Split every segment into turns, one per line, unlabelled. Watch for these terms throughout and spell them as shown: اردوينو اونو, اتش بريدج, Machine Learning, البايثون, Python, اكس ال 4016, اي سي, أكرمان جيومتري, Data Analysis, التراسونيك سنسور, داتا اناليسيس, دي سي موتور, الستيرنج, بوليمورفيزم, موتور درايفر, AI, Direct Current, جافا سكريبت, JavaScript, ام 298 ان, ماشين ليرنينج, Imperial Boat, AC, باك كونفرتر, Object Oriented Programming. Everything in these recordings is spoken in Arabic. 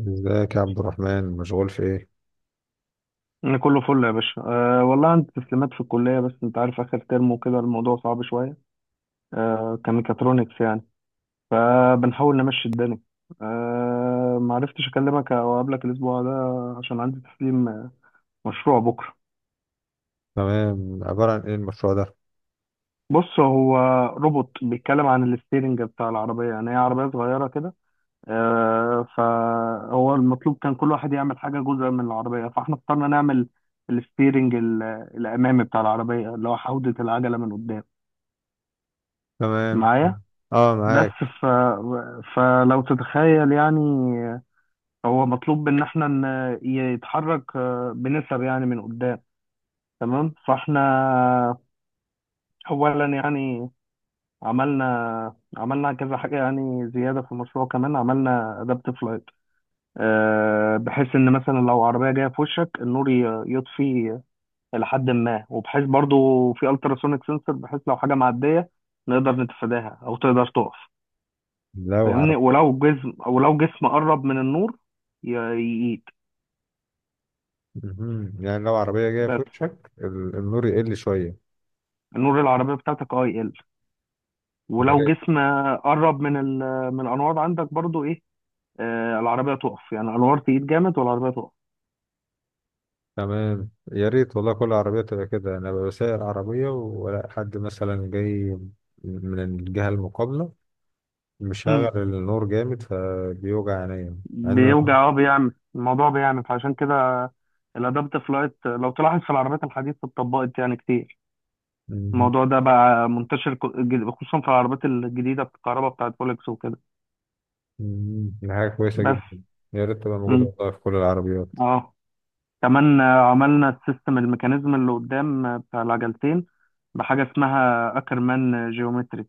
ازيك يا عبد الرحمن، مشغول في ايه؟
أنا كله فل يا باشا أه والله عندي تسليمات في الكلية بس أنت عارف آخر ترم وكده الموضوع صعب شوية. أه كميكاترونكس يعني. فبنحاول نمشي الدنيا. أه معرفتش أكلمك أو أقابلك الأسبوع ده عشان عندي تسليم مشروع بكرة.
تمام، عبارة عن ايه المشروع ده؟
بص هو روبوت بيتكلم عن الستيرنج بتاع العربية، يعني هي عربية صغيرة كده. أه فهو المطلوب كان كل واحد يعمل حاجة جزء من العربية، فاحنا اخترنا نعمل الستيرنج ال- الأمامي بتاع العربية، اللي هو حوضة العجلة من قدام.
تمام،
معايا
اه
بس.
معاك.
ف... فلو تتخيل يعني هو مطلوب ان احنا يتحرك بنسب يعني من قدام. تمام، فاحنا اولا يعني عملنا كذا حاجه يعني زياده في المشروع. كمان عملنا ادابتيف لايت، بحيث ان مثلا لو عربيه جايه في وشك النور يطفي لحد ما، وبحيث برضو في التراسونيك سنسور، بحيث لو حاجه معديه نقدر نتفاداها او تقدر تقف.
لو عرب
فاهمني؟ ولو جسم، ولو جسم قرب من النور يقيد.
مهم. يعني لو عربية جاية في
بس
وشك النور يقل شوية.
النور العربية بتاعتك اه يقل،
يا
ولو
ريت.
جسم قرب من من الأنوار عندك برضو إيه، آه، العربية تقف، يعني الأنوار تقيد جامد والعربية تقف.
تمام، يا ريت والله كل عربية تبقى كده. انا ببقى سايق عربية ولا حد مثلا جاي من الجهة المقابلة
مم.
مشغل النور جامد فبيوجع عينيا. يعني مهم.
بيوجع، اه، بيعمل الموضوع، بيعمل، فعشان كده الأدابتيف لايت لو تلاحظ في العربيات الحديثة اتطبقت يعني كتير. الموضوع ده بقى منتشر خصوصا في العربيات الجديدة، الكهرباء بتاعت فولكس وكده.
مهم. دي حاجة كويسة
بس.
جدا. يا ريت تبقى موجودة
مم.
والله في كل العربيات.
اه، كمان عملنا السيستم، الميكانيزم اللي قدام بتاع العجلتين، بحاجة اسمها أكرمان جيومتري.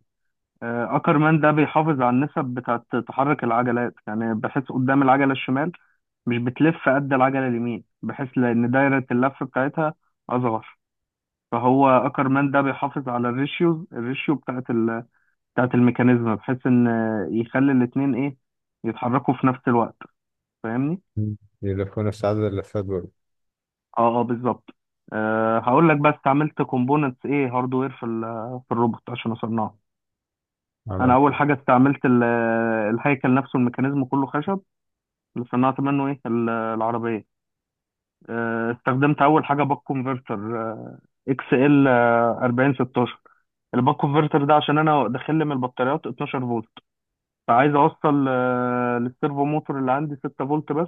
أكرمان ده بيحافظ على النسب بتاعة تحرك العجلات، يعني بحيث قدام العجلة الشمال مش بتلف قد العجلة اليمين، بحيث لأن دايرة اللف بتاعتها أصغر. فهو أكرمان ده بيحافظ على الريشيو بتاعة بتاعة الميكانيزم، بحيث إن يخلي الاتنين إيه يتحركوا في نفس الوقت. فاهمني؟
مهم. يلفونا في سعادة اللفات برضه.
اه اه بالظبط. أه هقول لك بس استعملت كومبوننتس ايه، هاردوير في في الروبوت عشان اصنعه. انا
عملت؟
اول حاجه استعملت الهيكل نفسه، الميكانيزم كله خشب اللي صنعت منه ايه العربيه. أه استخدمت اول حاجه باك كونفرتر اكس ال 4016. الباك كونفرتر ده عشان انا داخل لي من البطاريات 12 فولت، فعايز اوصل للسيرفو موتور اللي عندي 6 فولت بس،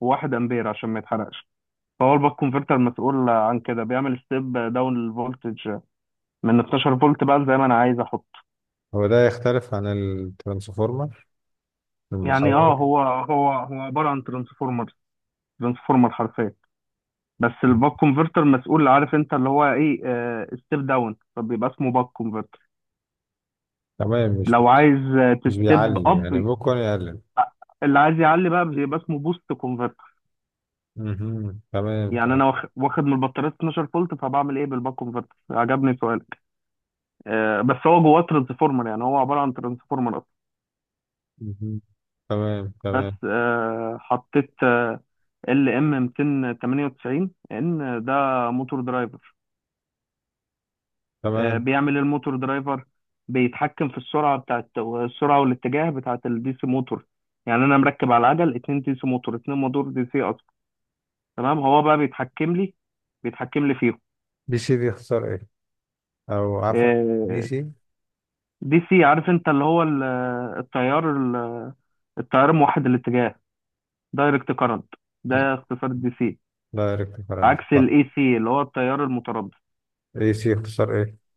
و1 امبير عشان ما يتحرقش. فهو الباك كونفرتر مسؤول عن كده، بيعمل ستيب داون الفولتج من 12 فولت بقى زي ما انا عايز احط.
هو ده يختلف عن الترانسفورمر،
يعني
المحول؟
اه هو هو عباره عن ترانسفورمر، ترانسفورمر حرفيا. بس الباك كونفرتر مسؤول، عارف انت اللي هو ايه، ستيب داون، فبيبقى اسمه باك كونفرتر.
تمام. مش
لو عايز
مش
تستيب
بيعلي يعني،
اب،
ممكن يقلل.
اللي عايز يعلي بقى بيبقى اسمه بوست كونفرتر.
مهم. تمام،
يعني انا
تمام.
واخد من البطاريه 12 فولت، فبعمل ايه بالباك كونفرتر؟ عجبني سؤالك. بس هو جواه ترانسفورمر، يعني هو عباره عن ترانسفورمر.
مهم. تمام، تمام،
بس حطيت ال ام 298 ان، ده موتور درايفر.
تمام.
بيعمل إيه الموتور درايفر؟ بيتحكم في السرعه، بتاعت السرعه والاتجاه بتاعت الدي سي موتور. يعني انا مركب على العجل اتنين دي سي موتور، اتنين موتور دي سي اصلا. تمام، هو بقى بيتحكم لي بيتحكم لي فيهم.
دي سي، دي اختصار ايه؟ او عفوا، دي
آه،
سي.
دي سي عارف انت اللي هو التيار التيار موحد الاتجاه، دايركت كارنت، ده اختصار الدي سي.
دايركت كرنت،
عكس
صح؟
الاي سي اللي هو التيار المتردد.
اي سي اختصار ايه؟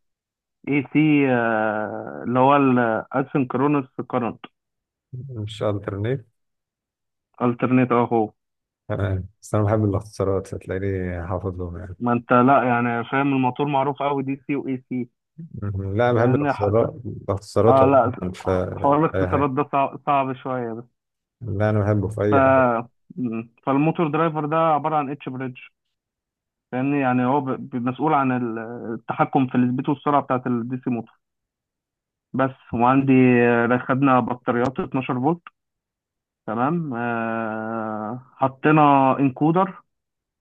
اي سي اللي هو الاسynchronous current,
مش الترنيت؟
alternate اهو.
تمام. بس انا بحب الاختصارات، هتلاقيني حافظ لهم يعني.
ما انت لا يعني فاهم، الموتور معروف قوي دي سي واي سي.
مهم. لا، انا بحب
لان حس...
الاختصارات
اه لا،
عموما في
حوار
اي
الاختصارات
حاجه.
ده صعب، صعب شويه بس.
لا، انا بحبه في
ف
اي حاجه.
مم. فالموتور درايفر ده عباره عن اتش بريدج، لان يعني هو مسؤول عن التحكم في السبيد والسرعه بتاعه الدي سي موتور بس. وعندي خدنا بطاريات 12 فولت. تمام، حطينا انكودر،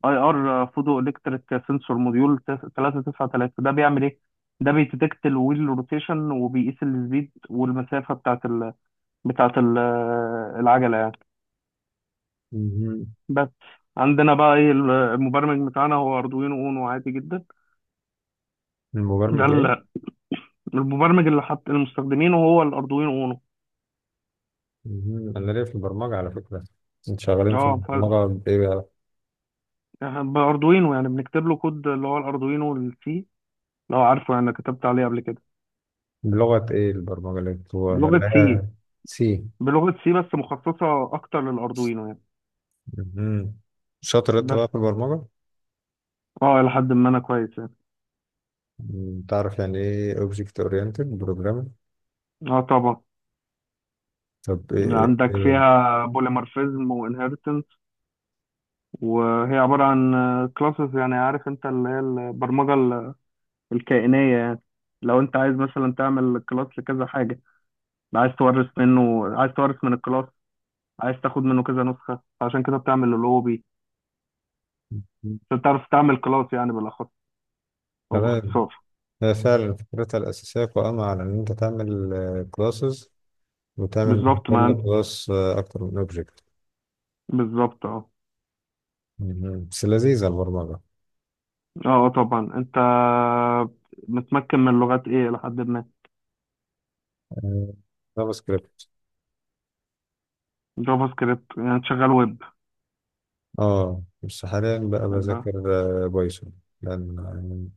اي ار فوتو الكتريك سنسور، موديول 393. ده بيعمل ايه؟ ده بيتدكت الويل روتيشن وبيقيس السبيد والمسافه بتاعت بتاعت العجله يعني.
مهم.
بس. عندنا بقى ايه، المبرمج بتاعنا هو اردوينو اونو عادي جدا. ده
المبرمج؟
المبرمج اللي حط المستخدمين هو الاردوينو اونو.
مهم. انا ليا في البرمجه على فكره. انت شغالين في
اه
البرمجه بايه بقى؟
باردوينو، يعني بنكتب له كود اللي هو الاردوينو السي، لو عارفه يعني، كتبت عليه قبل كده.
بلغه ايه البرمجه
بلغه
اللي هي؟
سي.
سي.
بلغه سي بس مخصصه اكتر للاردوينو يعني.
مهم. شاطر انت
بس
بقى في البرمجه.
اه الى حد ما انا كويس يعني.
مم. تعرف يعني ايه اوبجكت اورينتد بروجرامينج؟
اه طبعا.
طب ايه,
عندك
إيه.
فيها بوليمورفيزم وانهيرتنس، وهي عبارة عن كلاسز، يعني عارف انت اللي هي البرمجة الكائنية يعني. لو انت عايز مثلا تعمل كلاس لكذا حاجة، عايز تورث منه، عايز تورث من الكلاس، عايز تاخد منه كذا نسخة، عشان كده بتعمل اللوبي
مم.
عشان تعرف تعمل كلاس يعني بالاخص، او
تمام.
باختصار.
هي فعلا فكرتها الاساسيه قائمه على ان انت تعمل كلاسز، وتعمل من
بالظبط، ما انت
كل كلاس اكتر من اوبجكت.
بالظبط اه
بس لذيذه البرمجه.
اه. آه طبعا، انت متمكن من لغات ايه لحد ما؟
جافا سكريبت.
جافا سكريبت، يعني شغال ويب.
اه بس حاليا بقى بذاكر
آه.
بايثون. لان يعني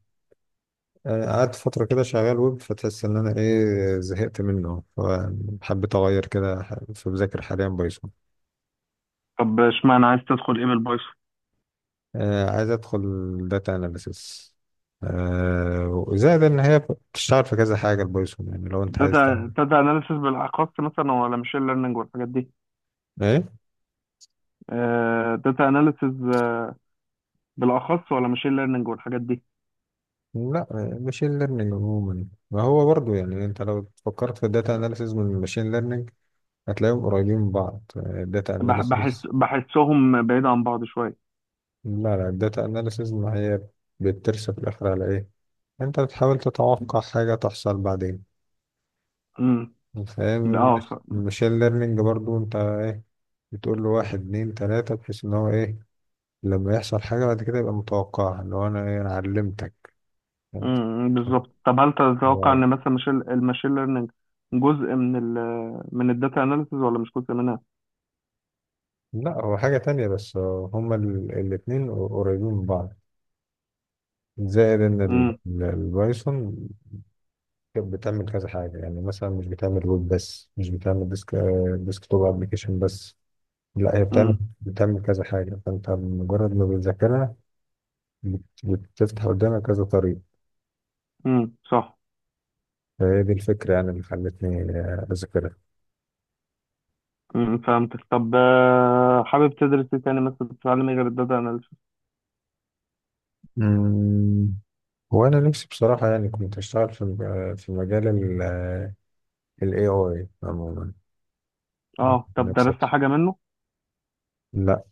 قعدت فترة كده شغال ويب فتحس ان انا ايه زهقت منه فحبيت اغير كده فبذاكر حاليا بايثون.
طب اشمعنى عايز تدخل ايه من البايثون؟
عايز ادخل داتا اناليسيس. وزائد ان هي بتشتغل في كذا حاجة البايثون، يعني لو انت عايز
داتا
تعمل
داتا اناليسيس بالاخص مثلا، ولا ماشين ليرنينج والحاجات دي؟
ايه.
داتا اناليسيس بالاخص، ولا ماشين ليرنينج والحاجات دي؟
لا، ماشين ليرنينج عموما ما هو برضو، يعني انت لو فكرت في الداتا اناليسيس من الماشين ليرنينج هتلاقيهم قريبين من بعض، الداتا
بحس
اناليسيس.
بحسهم بعيد عن بعض شويه.
لا، لا، الداتا اناليسيز ما هي بترسى في الاخر على ايه؟ انت بتحاول تتوقع حاجه تحصل بعدين.
امم.
فاهم.
اه
المشين ليرنينج برضو انت ايه، بتقول له واحد اتنين تلاته بحيث ان هو ايه، لما يحصل حاجه بعد كده يبقى متوقعها، اللي هو انا ايه، انا علمتك يعني.
امم. بالظبط، طب هل تتوقع ان مثلا ماشين الماشين ليرنينج جزء من ال من الداتا اناليسيس ولا مش جزء منها؟
لا هو حاجه تانية، بس هما الاتنين قريبين من بعض. زائد ان
امم.
البايثون كانت بتعمل كذا حاجه، يعني مثلا مش بتعمل ويب بس، مش بتعمل ديسك توب ابلكيشن بس. لا، هي بتعمل
امم.
بتعمل كذا حاجة، فأنت مجرد ما بتذاكرها بتفتح قدامك كذا طريق.
صح.
فهي دي الفكرة، يعني اللي خلتني أذاكرها.
امم، فهمتك. طب حابب تدرس ايه تاني مثلا، تتعلم ايه غير الداتا؟
امم. وأنا نفسي بصراحة، يعني كنت أشتغل في مجال ال AI عموما.
اه، طب
نفسي
درست
أدخل.
حاجة منه
لا،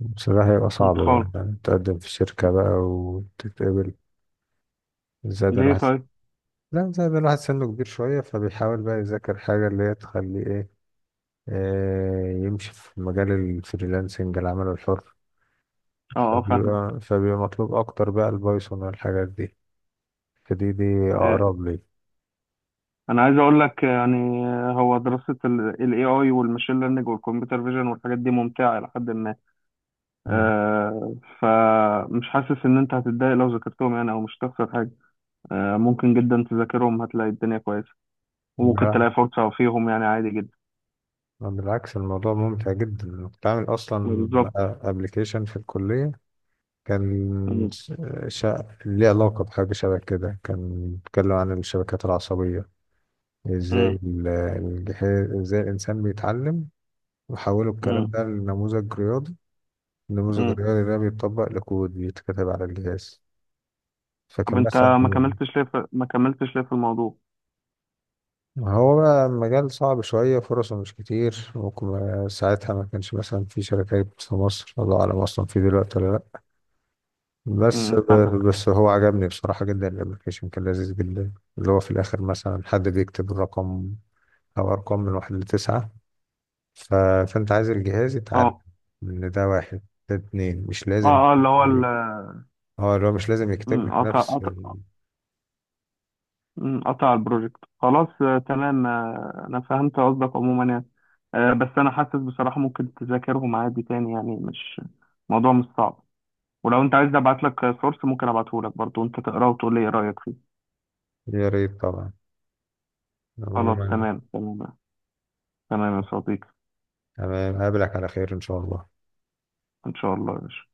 بصراحة يبقى صعب
انت خالص؟
بقى، يعني تقدم في شركة بقى وتتقبل. زائد
ليه
الواحد
طيب؟
لا، زائد الواحد سنه كبير شوية، فبيحاول بقى يذاكر حاجة اللي هي تخليه إيه، يمشي في مجال الفريلانسنج، العمل الحر.
اه اه فاهم.
فبيبقى مطلوب أكتر بقى البايثون والحاجات دي. فدي
آه،
أقرب لي.
انا عايز اقول لك يعني، هو دراسة ال AI والماشين ليرنينج والكمبيوتر فيجن والحاجات دي ممتعة الى حد ما.
مم.
آه، فمش حاسس ان انت هتتضايق لو ذاكرتهم يعني، او مش هتخسر حاجة. آه، ممكن جدا تذاكرهم، هتلاقي الدنيا كويسة، وممكن
لا،
تلاقي فرصة فيهم يعني عادي جدا.
بالعكس الموضوع ممتع جدا. أنا كنت عامل
يعني
أصلا
بالظبط.
أبلكيشن في الكلية، كان
مم.
ليه علاقة بحاجة شبه كده، كان بيتكلم عن الشبكات العصبية،
مم.
ازاي الجهاز، ازاي الإنسان بيتعلم. وحولوا الكلام
مم.
ده لنموذج رياضي. نموذج
مم.
الرياضي ده بيتطبق لكود بيتكتب على الجهاز.
طب
فكان
انت
مثلا.
ما كملتش ليه في ما كملتش ليه في الموضوع؟
هو بقى مجال صعب شوية، فرصه مش كتير، ممكن ساعتها ما كانش مثلا في شركات في مصر، الله أعلم أصلا في دلوقتي ولا لأ. بس
مم، فاهم.
ب- بس هو عجبني بصراحة جدا، الأبلكيشن كان لذيذ جدا، اللي هو في الآخر مثلا حد بيكتب الرقم أو أرقام من واحد لتسعة. ف. فأنت عايز الجهاز يتعلم
اه
إن ده واحد، ده اتنين، مش
اه
لازم.
اه اللي هو
اه، اللي هو مش لازم يكتب
مم،
لك
قطع،
نفس
مم، قطع البروجكت خلاص. تمام، انا فهمت قصدك عموما يعني. بس انا حاسس بصراحة ممكن تذاكرهم عادي تاني يعني، مش موضوع، مش صعب. ولو انت عايز ابعت لك سورس ممكن ابعته لك برضه، انت تقراه وتقول لي ايه رأيك فيه.
يا ريت طبعا.
خلاص
عموما.
تمام تمام. تمام يا صديقي.
تمام، هقابلك على خير إن شاء الله.
ان شاء الله يا باشا.